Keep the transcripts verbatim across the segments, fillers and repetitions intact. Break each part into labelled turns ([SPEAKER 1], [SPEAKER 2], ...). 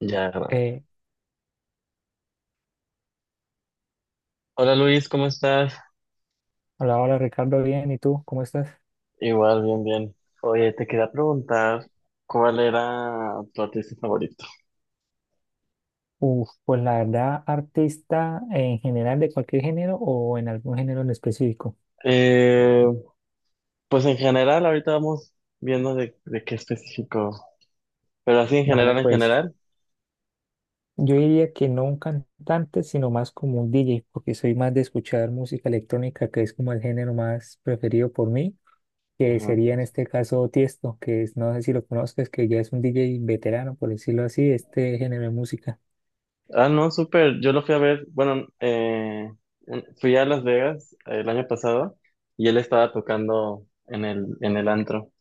[SPEAKER 1] Ya.
[SPEAKER 2] Eh,
[SPEAKER 1] Hola Luis, ¿cómo estás?
[SPEAKER 2] Hola, hola Ricardo, bien, ¿y tú? ¿Cómo estás?
[SPEAKER 1] Igual, bien, bien. Oye, te quería preguntar cuál era tu artista favorito.
[SPEAKER 2] Uf, pues la verdad, artista en general de cualquier género o en algún género en específico.
[SPEAKER 1] Eh, pues en general, ahorita vamos viendo de, de qué específico, pero así en
[SPEAKER 2] Vale,
[SPEAKER 1] general, en
[SPEAKER 2] pues
[SPEAKER 1] general.
[SPEAKER 2] yo diría que no un cantante, sino más como un D J, porque soy más de escuchar música electrónica, que es como el género más preferido por mí, que
[SPEAKER 1] Ajá.
[SPEAKER 2] sería en este caso Tiesto, que es, no sé si lo conozcas, que ya es un D J veterano, por decirlo así, de este género de música.
[SPEAKER 1] Ah, no, súper. Yo lo fui a ver, bueno, eh, fui a Las Vegas eh, el año pasado y él estaba tocando en el, en el antro.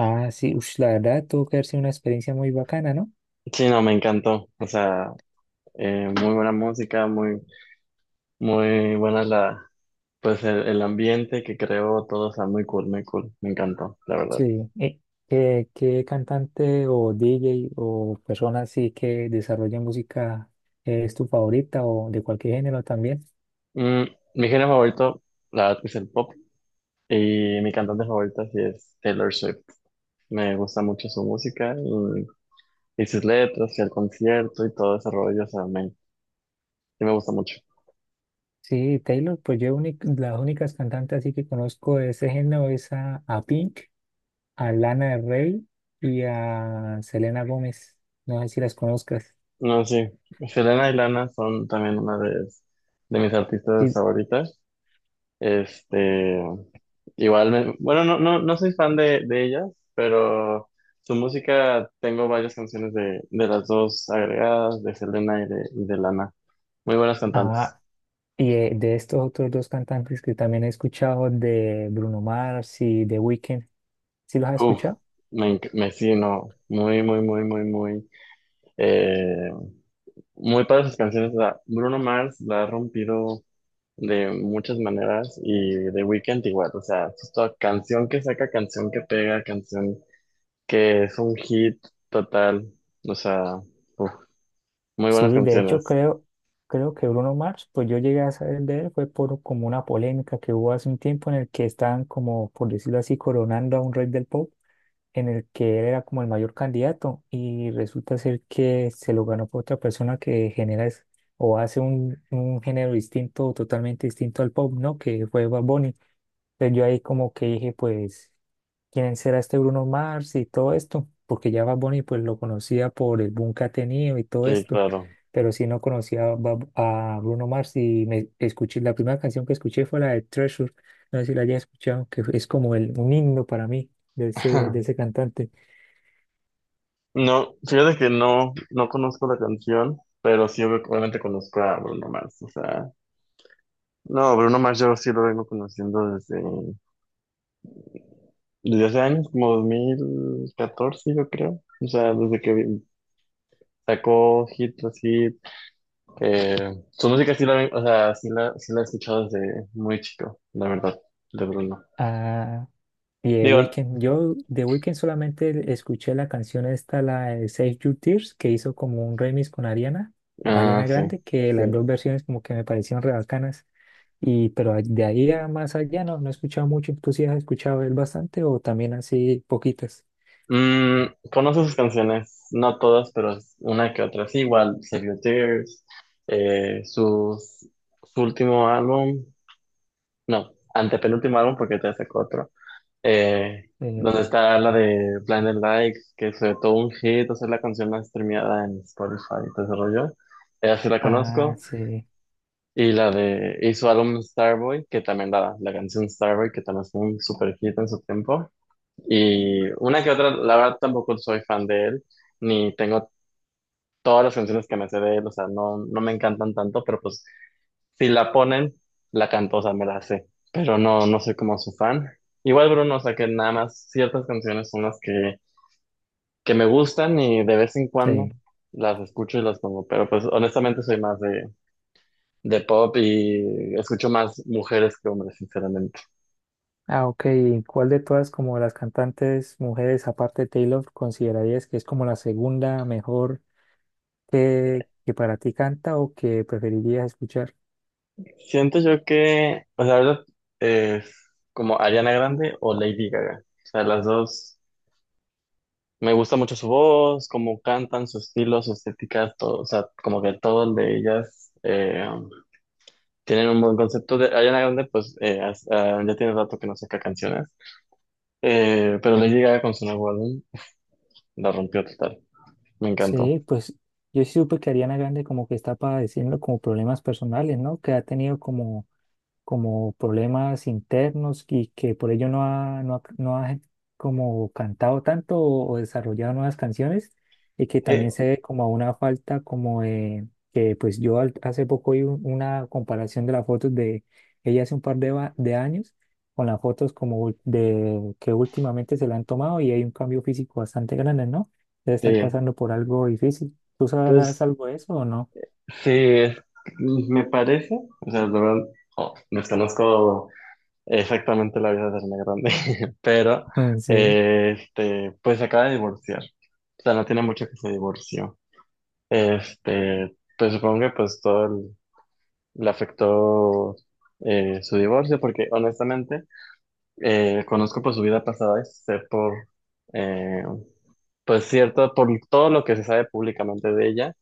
[SPEAKER 2] Ah, sí, ush, la verdad, tuvo que haber sido una experiencia muy bacana, ¿no?
[SPEAKER 1] Sí, no, me encantó. O sea, eh, muy buena música, muy, muy buena la pues el, el ambiente que creó todo está muy cool, muy cool. Me encantó, la verdad.
[SPEAKER 2] Sí, eh, ¿qué, qué cantante o D J o persona así que desarrolle música es tu favorita o de cualquier género también?
[SPEAKER 1] Mm, mi género favorito, la verdad, que es el pop. Y mi cantante favorita sí es Taylor Swift. Me gusta mucho su música y, y sus letras y el concierto y todo ese rollo. O sea, me, sí me gusta mucho.
[SPEAKER 2] Sí, Taylor, pues yo uni- las únicas cantantes así que conozco de ese género es a, a Pink, a Lana del Rey y a Selena Gómez. No sé si las conozcas.
[SPEAKER 1] No, sí. Selena y Lana son también una de, de mis artistas
[SPEAKER 2] Sí.
[SPEAKER 1] favoritas. Este, igual, me- bueno, no, no, no soy fan de, de ellas, pero su música tengo varias canciones de, de las dos agregadas, de Selena y de, y de Lana. Muy buenas cantantes.
[SPEAKER 2] Ah, y eh, de estos otros dos cantantes que también he escuchado, de Bruno Mars y The Weeknd, ¿sí los has
[SPEAKER 1] Uf,
[SPEAKER 2] escuchado?
[SPEAKER 1] me, enc- me sí, no, muy, muy, muy, muy, muy, eh, muy para sus canciones. La- Bruno Mars la ha rompido de muchas maneras y The Weeknd igual, o sea, es toda canción que saca, canción que pega, canción, que es un hit total. O sea, uf, muy buenas
[SPEAKER 2] Sí, de hecho
[SPEAKER 1] canciones.
[SPEAKER 2] creo, creo que Bruno Mars, pues yo llegué a saber de él, fue por como una polémica que hubo hace un tiempo en el que estaban como, por decirlo así, coronando a un rey del pop, en el que él era como el mayor candidato y resulta ser que se lo ganó por otra persona que genera es- o hace un, un género distinto, totalmente distinto al pop, ¿no? Que fue Bad Bunny. Entonces yo ahí como que dije, pues quién será este Bruno Mars y todo esto, porque ya Bad Bunny pues lo conocía por el boom que ha tenido y todo
[SPEAKER 1] Sí,
[SPEAKER 2] esto,
[SPEAKER 1] claro.
[SPEAKER 2] pero sí no conocía a, Bad- a Bruno Mars y me escuché, la primera canción que escuché fue la de Treasure, no sé si la hayas escuchado, que es como el, un himno para mí de ese, de ese cantante.
[SPEAKER 1] No, fíjate que no, no conozco la canción, pero sí obvi- obviamente conozco a Bruno Mars, o sea, no, Bruno Mars yo sí lo vengo conociendo desde, desde hace años, como dos mil catorce yo creo. O sea, desde que vi- sacó hit así. Eh, su música sí la, ven- o sea, sí la, sí la he escuchado desde muy chico, la verdad, de Bruno.
[SPEAKER 2] Ah, y The
[SPEAKER 1] Digo,
[SPEAKER 2] Weeknd, yo The Weeknd solamente escuché la canción esta, la de Save Your Tears, que hizo como un remix con Ariana,
[SPEAKER 1] ah,
[SPEAKER 2] Ariana
[SPEAKER 1] sí.
[SPEAKER 2] Grande, que las dos
[SPEAKER 1] Sí.
[SPEAKER 2] versiones como que me parecieron re bacanas. Y, pero a- de ahí a más allá no, no he escuchado mucho. ¿Tú sí has escuchado él bastante o también así poquitas?
[SPEAKER 1] Mm, conozco sus canciones, no todas, pero una que otra sí, igual, Save Your Tears, eh, sus- su último álbum, no, antepenúltimo álbum porque te sacó otro, eh,
[SPEAKER 2] Eh,
[SPEAKER 1] donde está la de Blinded Lights, que fue todo un hit, o sea, la canción más streameada en Spotify y todo ese rollo. Ella sí la
[SPEAKER 2] ah,
[SPEAKER 1] conozco,
[SPEAKER 2] sí,
[SPEAKER 1] y la de, y su álbum Starboy, que también la, la canción Starboy, que también fue un super hit en su tiempo, y una que otra. La verdad tampoco soy fan de él, ni tengo todas las canciones que me sé de él. O sea, no, no me encantan tanto, pero pues si la ponen, la canto, o sea, me la sé, pero no, no soy como su fan. Igual Bruno, o sea, que nada más ciertas canciones son las que, que me gustan y de vez en
[SPEAKER 2] sí.
[SPEAKER 1] cuando las escucho y las pongo, pero pues honestamente soy más de, de pop y escucho más mujeres que hombres, sinceramente.
[SPEAKER 2] Ah, ok. ¿Y ¿cuál de todas como las cantantes mujeres, aparte de Taylor, considerarías que es como la segunda mejor que, que para ti canta o que preferirías escuchar?
[SPEAKER 1] Siento yo que, o sea, la verdad, es como Ariana Grande o Lady Gaga. O sea, las dos, me gusta mucho su voz, cómo cantan, su estilo, su estética, todo. O sea, como que todo el de ellas eh, tienen un buen concepto. De Ariana Grande, pues, eh, has- ah, ya tiene rato que no saca canciones. Eh, pero Lady Gaga con su nuevo álbum la rompió total, me
[SPEAKER 2] Sí,
[SPEAKER 1] encantó.
[SPEAKER 2] pues yo sí supe que Ariana Grande como que está padeciendo como problemas personales, ¿no? Que ha tenido como como problemas internos y que por ello no ha, no ha- no ha como cantado tanto o, o desarrollado nuevas canciones y que
[SPEAKER 1] Sí,
[SPEAKER 2] también se ve como una falta como de que pues yo al- hace poco vi un- una comparación de las fotos de ella hace un par de, va- de años con las fotos como ul- de que últimamente se le han tomado y hay un cambio físico bastante grande, ¿no? Debe estar
[SPEAKER 1] sí,
[SPEAKER 2] pasando por algo difícil. ¿Tú sabrás
[SPEAKER 1] pues,
[SPEAKER 2] algo de eso o no?
[SPEAKER 1] sí, es- me parece, o sea, la verdad, oh, desconozco exactamente la vida de Ariana Grande, pero
[SPEAKER 2] Mm, sí,
[SPEAKER 1] eh, este, pues se acaba de divorciar, o sea, no tiene mucho que se divorció. Este, pues supongo que pues todo el- le afectó eh, su divorcio, porque honestamente eh, conozco pues su vida pasada y sé por, eh, pues cierto, por todo lo que se sabe públicamente de ella.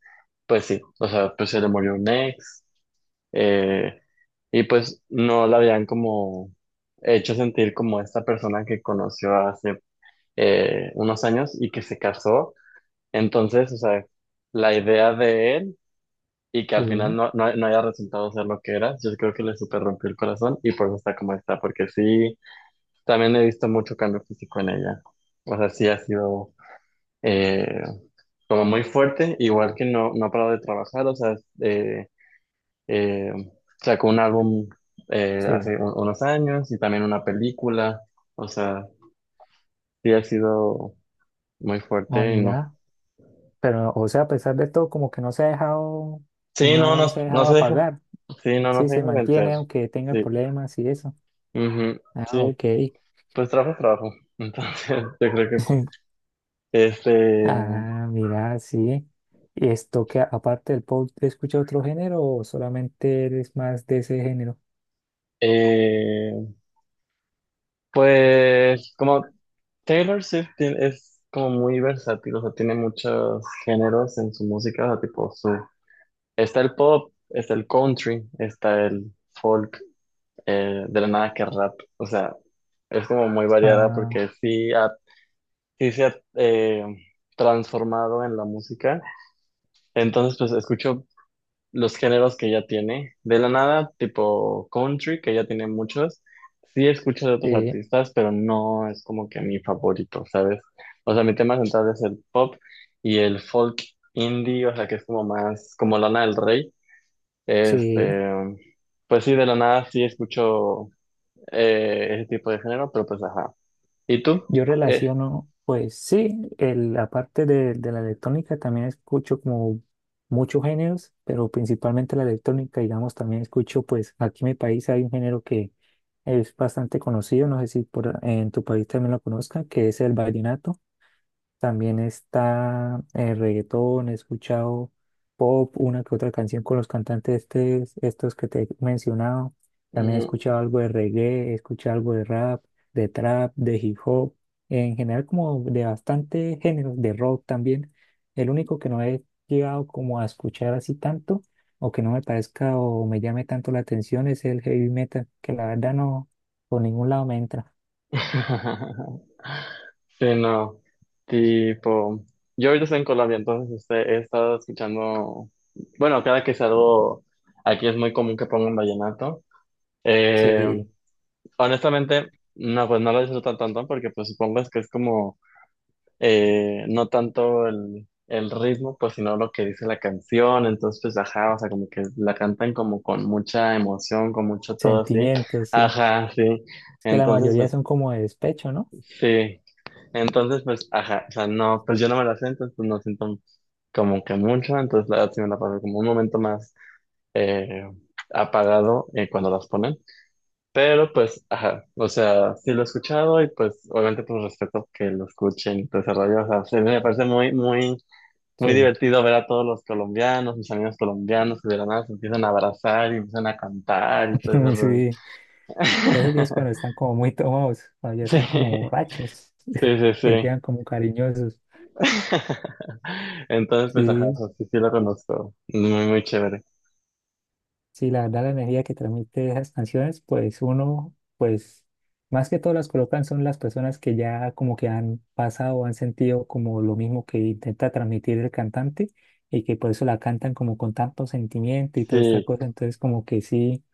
[SPEAKER 1] Pues sí, o sea, pues se le murió un ex, eh, y pues no la habían como hecho sentir como esta persona que conoció hace eh, unos años y que se casó. Entonces, o sea, la idea de él y que al final
[SPEAKER 2] sí,
[SPEAKER 1] no, no, no haya resultado ser lo que era, yo creo que le super rompió el corazón y por eso está como está, porque sí, también he visto mucho cambio físico en ella. O sea, sí ha sido eh, como muy fuerte, igual que no, no ha parado de trabajar. O sea, eh, Eh, sacó un álbum eh,
[SPEAKER 2] sí.
[SPEAKER 1] hace un- unos años y también una película. O sea, sí ha sido muy
[SPEAKER 2] Ah,
[SPEAKER 1] fuerte y no.
[SPEAKER 2] mira. Pero, o sea, a pesar de todo, como que no se ha dejado,
[SPEAKER 1] Sí, no, no,
[SPEAKER 2] no se ha
[SPEAKER 1] no
[SPEAKER 2] dejado
[SPEAKER 1] se deja.
[SPEAKER 2] apagar.
[SPEAKER 1] Sí, no, no
[SPEAKER 2] Sí,
[SPEAKER 1] se
[SPEAKER 2] se
[SPEAKER 1] deja vencer.
[SPEAKER 2] mantiene aunque tenga
[SPEAKER 1] Sí,
[SPEAKER 2] problemas y eso.
[SPEAKER 1] ujú.
[SPEAKER 2] Ah,
[SPEAKER 1] Sí,
[SPEAKER 2] ok.
[SPEAKER 1] pues trabajo, es trabajo. Entonces, yo creo que, este,
[SPEAKER 2] Ah, mira, sí. ¿Y esto que aparte del pop escucha otro género o solamente eres más de ese género?
[SPEAKER 1] eh, pues, como Taylor Swift tiene- es como muy versátil, o sea, tiene muchos géneros en su música, o sea, tipo su está el pop, está el country, está el folk, eh, de la nada que rap. O sea, es como muy variada
[SPEAKER 2] Ah,
[SPEAKER 1] porque sí, ha- sí se ha eh, transformado en la música. Entonces, pues escucho los géneros que ya tiene. De la nada, tipo country, que ya tiene muchos. Sí escucho de otros
[SPEAKER 2] sí,
[SPEAKER 1] artistas, pero no es como que mi favorito, ¿sabes? O sea, mi tema central es el pop y el folk indie, o sea, que es como más como Lana del Rey.
[SPEAKER 2] sí.
[SPEAKER 1] Este, pues sí, de la nada sí escucho eh, ese tipo de género, pero pues ajá. ¿Y tú?
[SPEAKER 2] Yo
[SPEAKER 1] Eh,
[SPEAKER 2] relaciono, pues sí, el, la parte de, de la electrónica también escucho como muchos géneros, pero principalmente la electrónica, digamos, también escucho, pues aquí en mi país hay un género que es bastante conocido, no sé si por, en tu país también lo conozcan, que es el vallenato. También está eh, reggaetón, he escuchado pop, una que otra canción con los cantantes estes- estos que te he mencionado. También he
[SPEAKER 1] ujú.
[SPEAKER 2] escuchado algo de reggae, he escuchado algo de rap, de trap, de hip hop, en general como de bastante géneros, de rock también. El único que no he llegado como a escuchar así tanto o que no me parezca o me llame tanto la atención es el heavy metal, que la verdad no, por ningún lado me entra.
[SPEAKER 1] Sí, no. Tipo, yo ahorita estoy en Colombia, entonces este, he estado escuchando, bueno, cada que salgo, aquí es muy común que pongan vallenato. Eh,
[SPEAKER 2] Sí,
[SPEAKER 1] Honestamente, no, pues no lo disfruto tanto porque pues supongo es que es como eh, no tanto el, el ritmo, pues sino lo que dice la canción, entonces pues ajá, o sea, como que la cantan como con mucha emoción, con mucho todo así,
[SPEAKER 2] sentimientos, sí.
[SPEAKER 1] ajá, sí,
[SPEAKER 2] Es que la
[SPEAKER 1] entonces
[SPEAKER 2] mayoría
[SPEAKER 1] pues
[SPEAKER 2] son como de despecho, ¿no?
[SPEAKER 1] sí. Entonces pues ajá, o sea, no, pues yo no me la sé, entonces pues no siento como que mucho, entonces la verdad sí me la paso como un momento más eh, apagado eh, cuando las ponen, pero pues ajá, o sea, sí lo he escuchado y pues obviamente pues respeto que lo escuchen y todo ese rollo. O sea, sí me parece muy, muy muy
[SPEAKER 2] Sí,
[SPEAKER 1] divertido ver a todos los colombianos, mis amigos colombianos que de la nada se empiezan a abrazar y empiezan a cantar y todo ese rollo.
[SPEAKER 2] sí, eso ya es cuando están como muy tomados, cuando ya
[SPEAKER 1] Sí,
[SPEAKER 2] están como borrachos,
[SPEAKER 1] sí, sí,
[SPEAKER 2] que
[SPEAKER 1] sí.
[SPEAKER 2] quedan como cariñosos.
[SPEAKER 1] Entonces, pues, ajá,
[SPEAKER 2] Sí,
[SPEAKER 1] o sí, sí lo conozco. Muy, muy chévere.
[SPEAKER 2] sí, la verdad la energía que transmite esas canciones, pues uno, pues más que todo las colocan son las personas que ya como que han pasado, han sentido como lo mismo que intenta transmitir el cantante y que por eso la cantan como con tanto sentimiento y toda esta
[SPEAKER 1] Sí.
[SPEAKER 2] cosa, entonces como que sí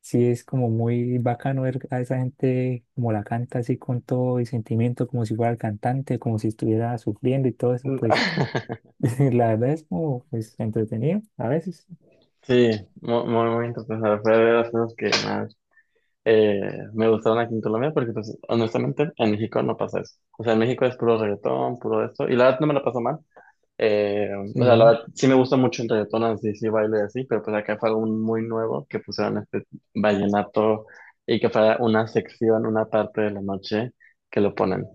[SPEAKER 2] sí es como muy bacano ver a esa gente como la canta así con todo el sentimiento, como si fuera el cantante, como si estuviera sufriendo y todo eso, pues la verdad es como pues, entretenido a veces.
[SPEAKER 1] Sí, mu- muy, muy interesante. Fue de las cosas que más eh, me gustaron aquí en Colombia, porque pues, honestamente en México no pasa eso. O sea, en México es puro reggaetón, puro esto, y la verdad no me la paso mal. Eh, o sea, la
[SPEAKER 2] Sí,
[SPEAKER 1] verdad, sí me gusta mucho el reggaetón, así, sí baile y así, pero pues acá fue algo muy nuevo que pusieron este vallenato y que fue una sección, una parte de la noche que lo ponen.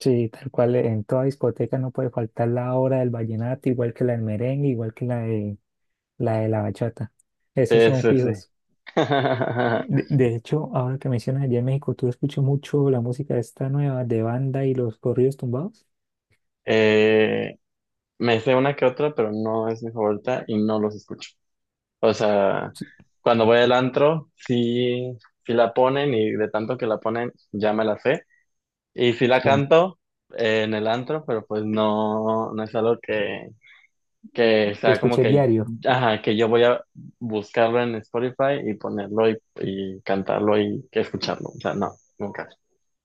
[SPEAKER 2] sí, tal cual eh, en toda discoteca no puede faltar la hora del vallenato, igual que la del merengue, igual que la de la, de la bachata. Esos
[SPEAKER 1] Sí,
[SPEAKER 2] son
[SPEAKER 1] sí, sí.
[SPEAKER 2] fijos. De, de hecho, ahora que mencionas allá en México, ¿tú escuchas mucho la música esta nueva de banda y los corridos tumbados?
[SPEAKER 1] Eh, me sé una que otra, pero no es mi favorita y no los escucho. O sea,
[SPEAKER 2] Sí.
[SPEAKER 1] cuando voy al antro, sí, sí la ponen y de tanto que la ponen, ya me la sé. Y sí la
[SPEAKER 2] Sí,
[SPEAKER 1] canto eh, en el antro, pero pues no, no es algo que que
[SPEAKER 2] que
[SPEAKER 1] sea como
[SPEAKER 2] escuché
[SPEAKER 1] que,
[SPEAKER 2] diario.
[SPEAKER 1] ajá, que yo voy a buscarlo en Spotify y ponerlo y, y cantarlo y que escucharlo. O sea, no, nunca.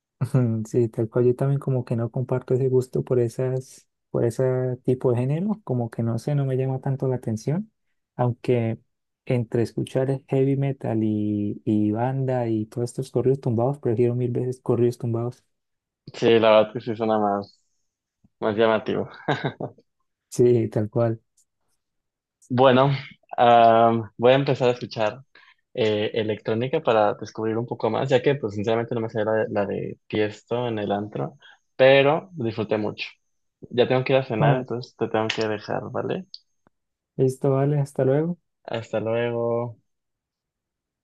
[SPEAKER 2] Ujú, sí, tal cual yo también como que no comparto ese gusto por esas, por ese tipo de género, como que no sé, no me llama tanto la atención, aunque entre escuchar heavy metal y, y banda y todos estos corridos tumbados, prefiero mil veces corridos tumbados.
[SPEAKER 1] Sí, la verdad que sí suena más, más llamativo.
[SPEAKER 2] Sí, tal cual.
[SPEAKER 1] Bueno, am, voy a empezar a escuchar eh, electrónica para descubrir un poco más, ya que pues sinceramente no me sé la, de- la de Tiesto en el antro, pero disfruté mucho. Ya tengo que ir a cenar,
[SPEAKER 2] Ah,
[SPEAKER 1] entonces te tengo que dejar, ¿vale?
[SPEAKER 2] listo, vale, hasta luego.
[SPEAKER 1] Hasta luego.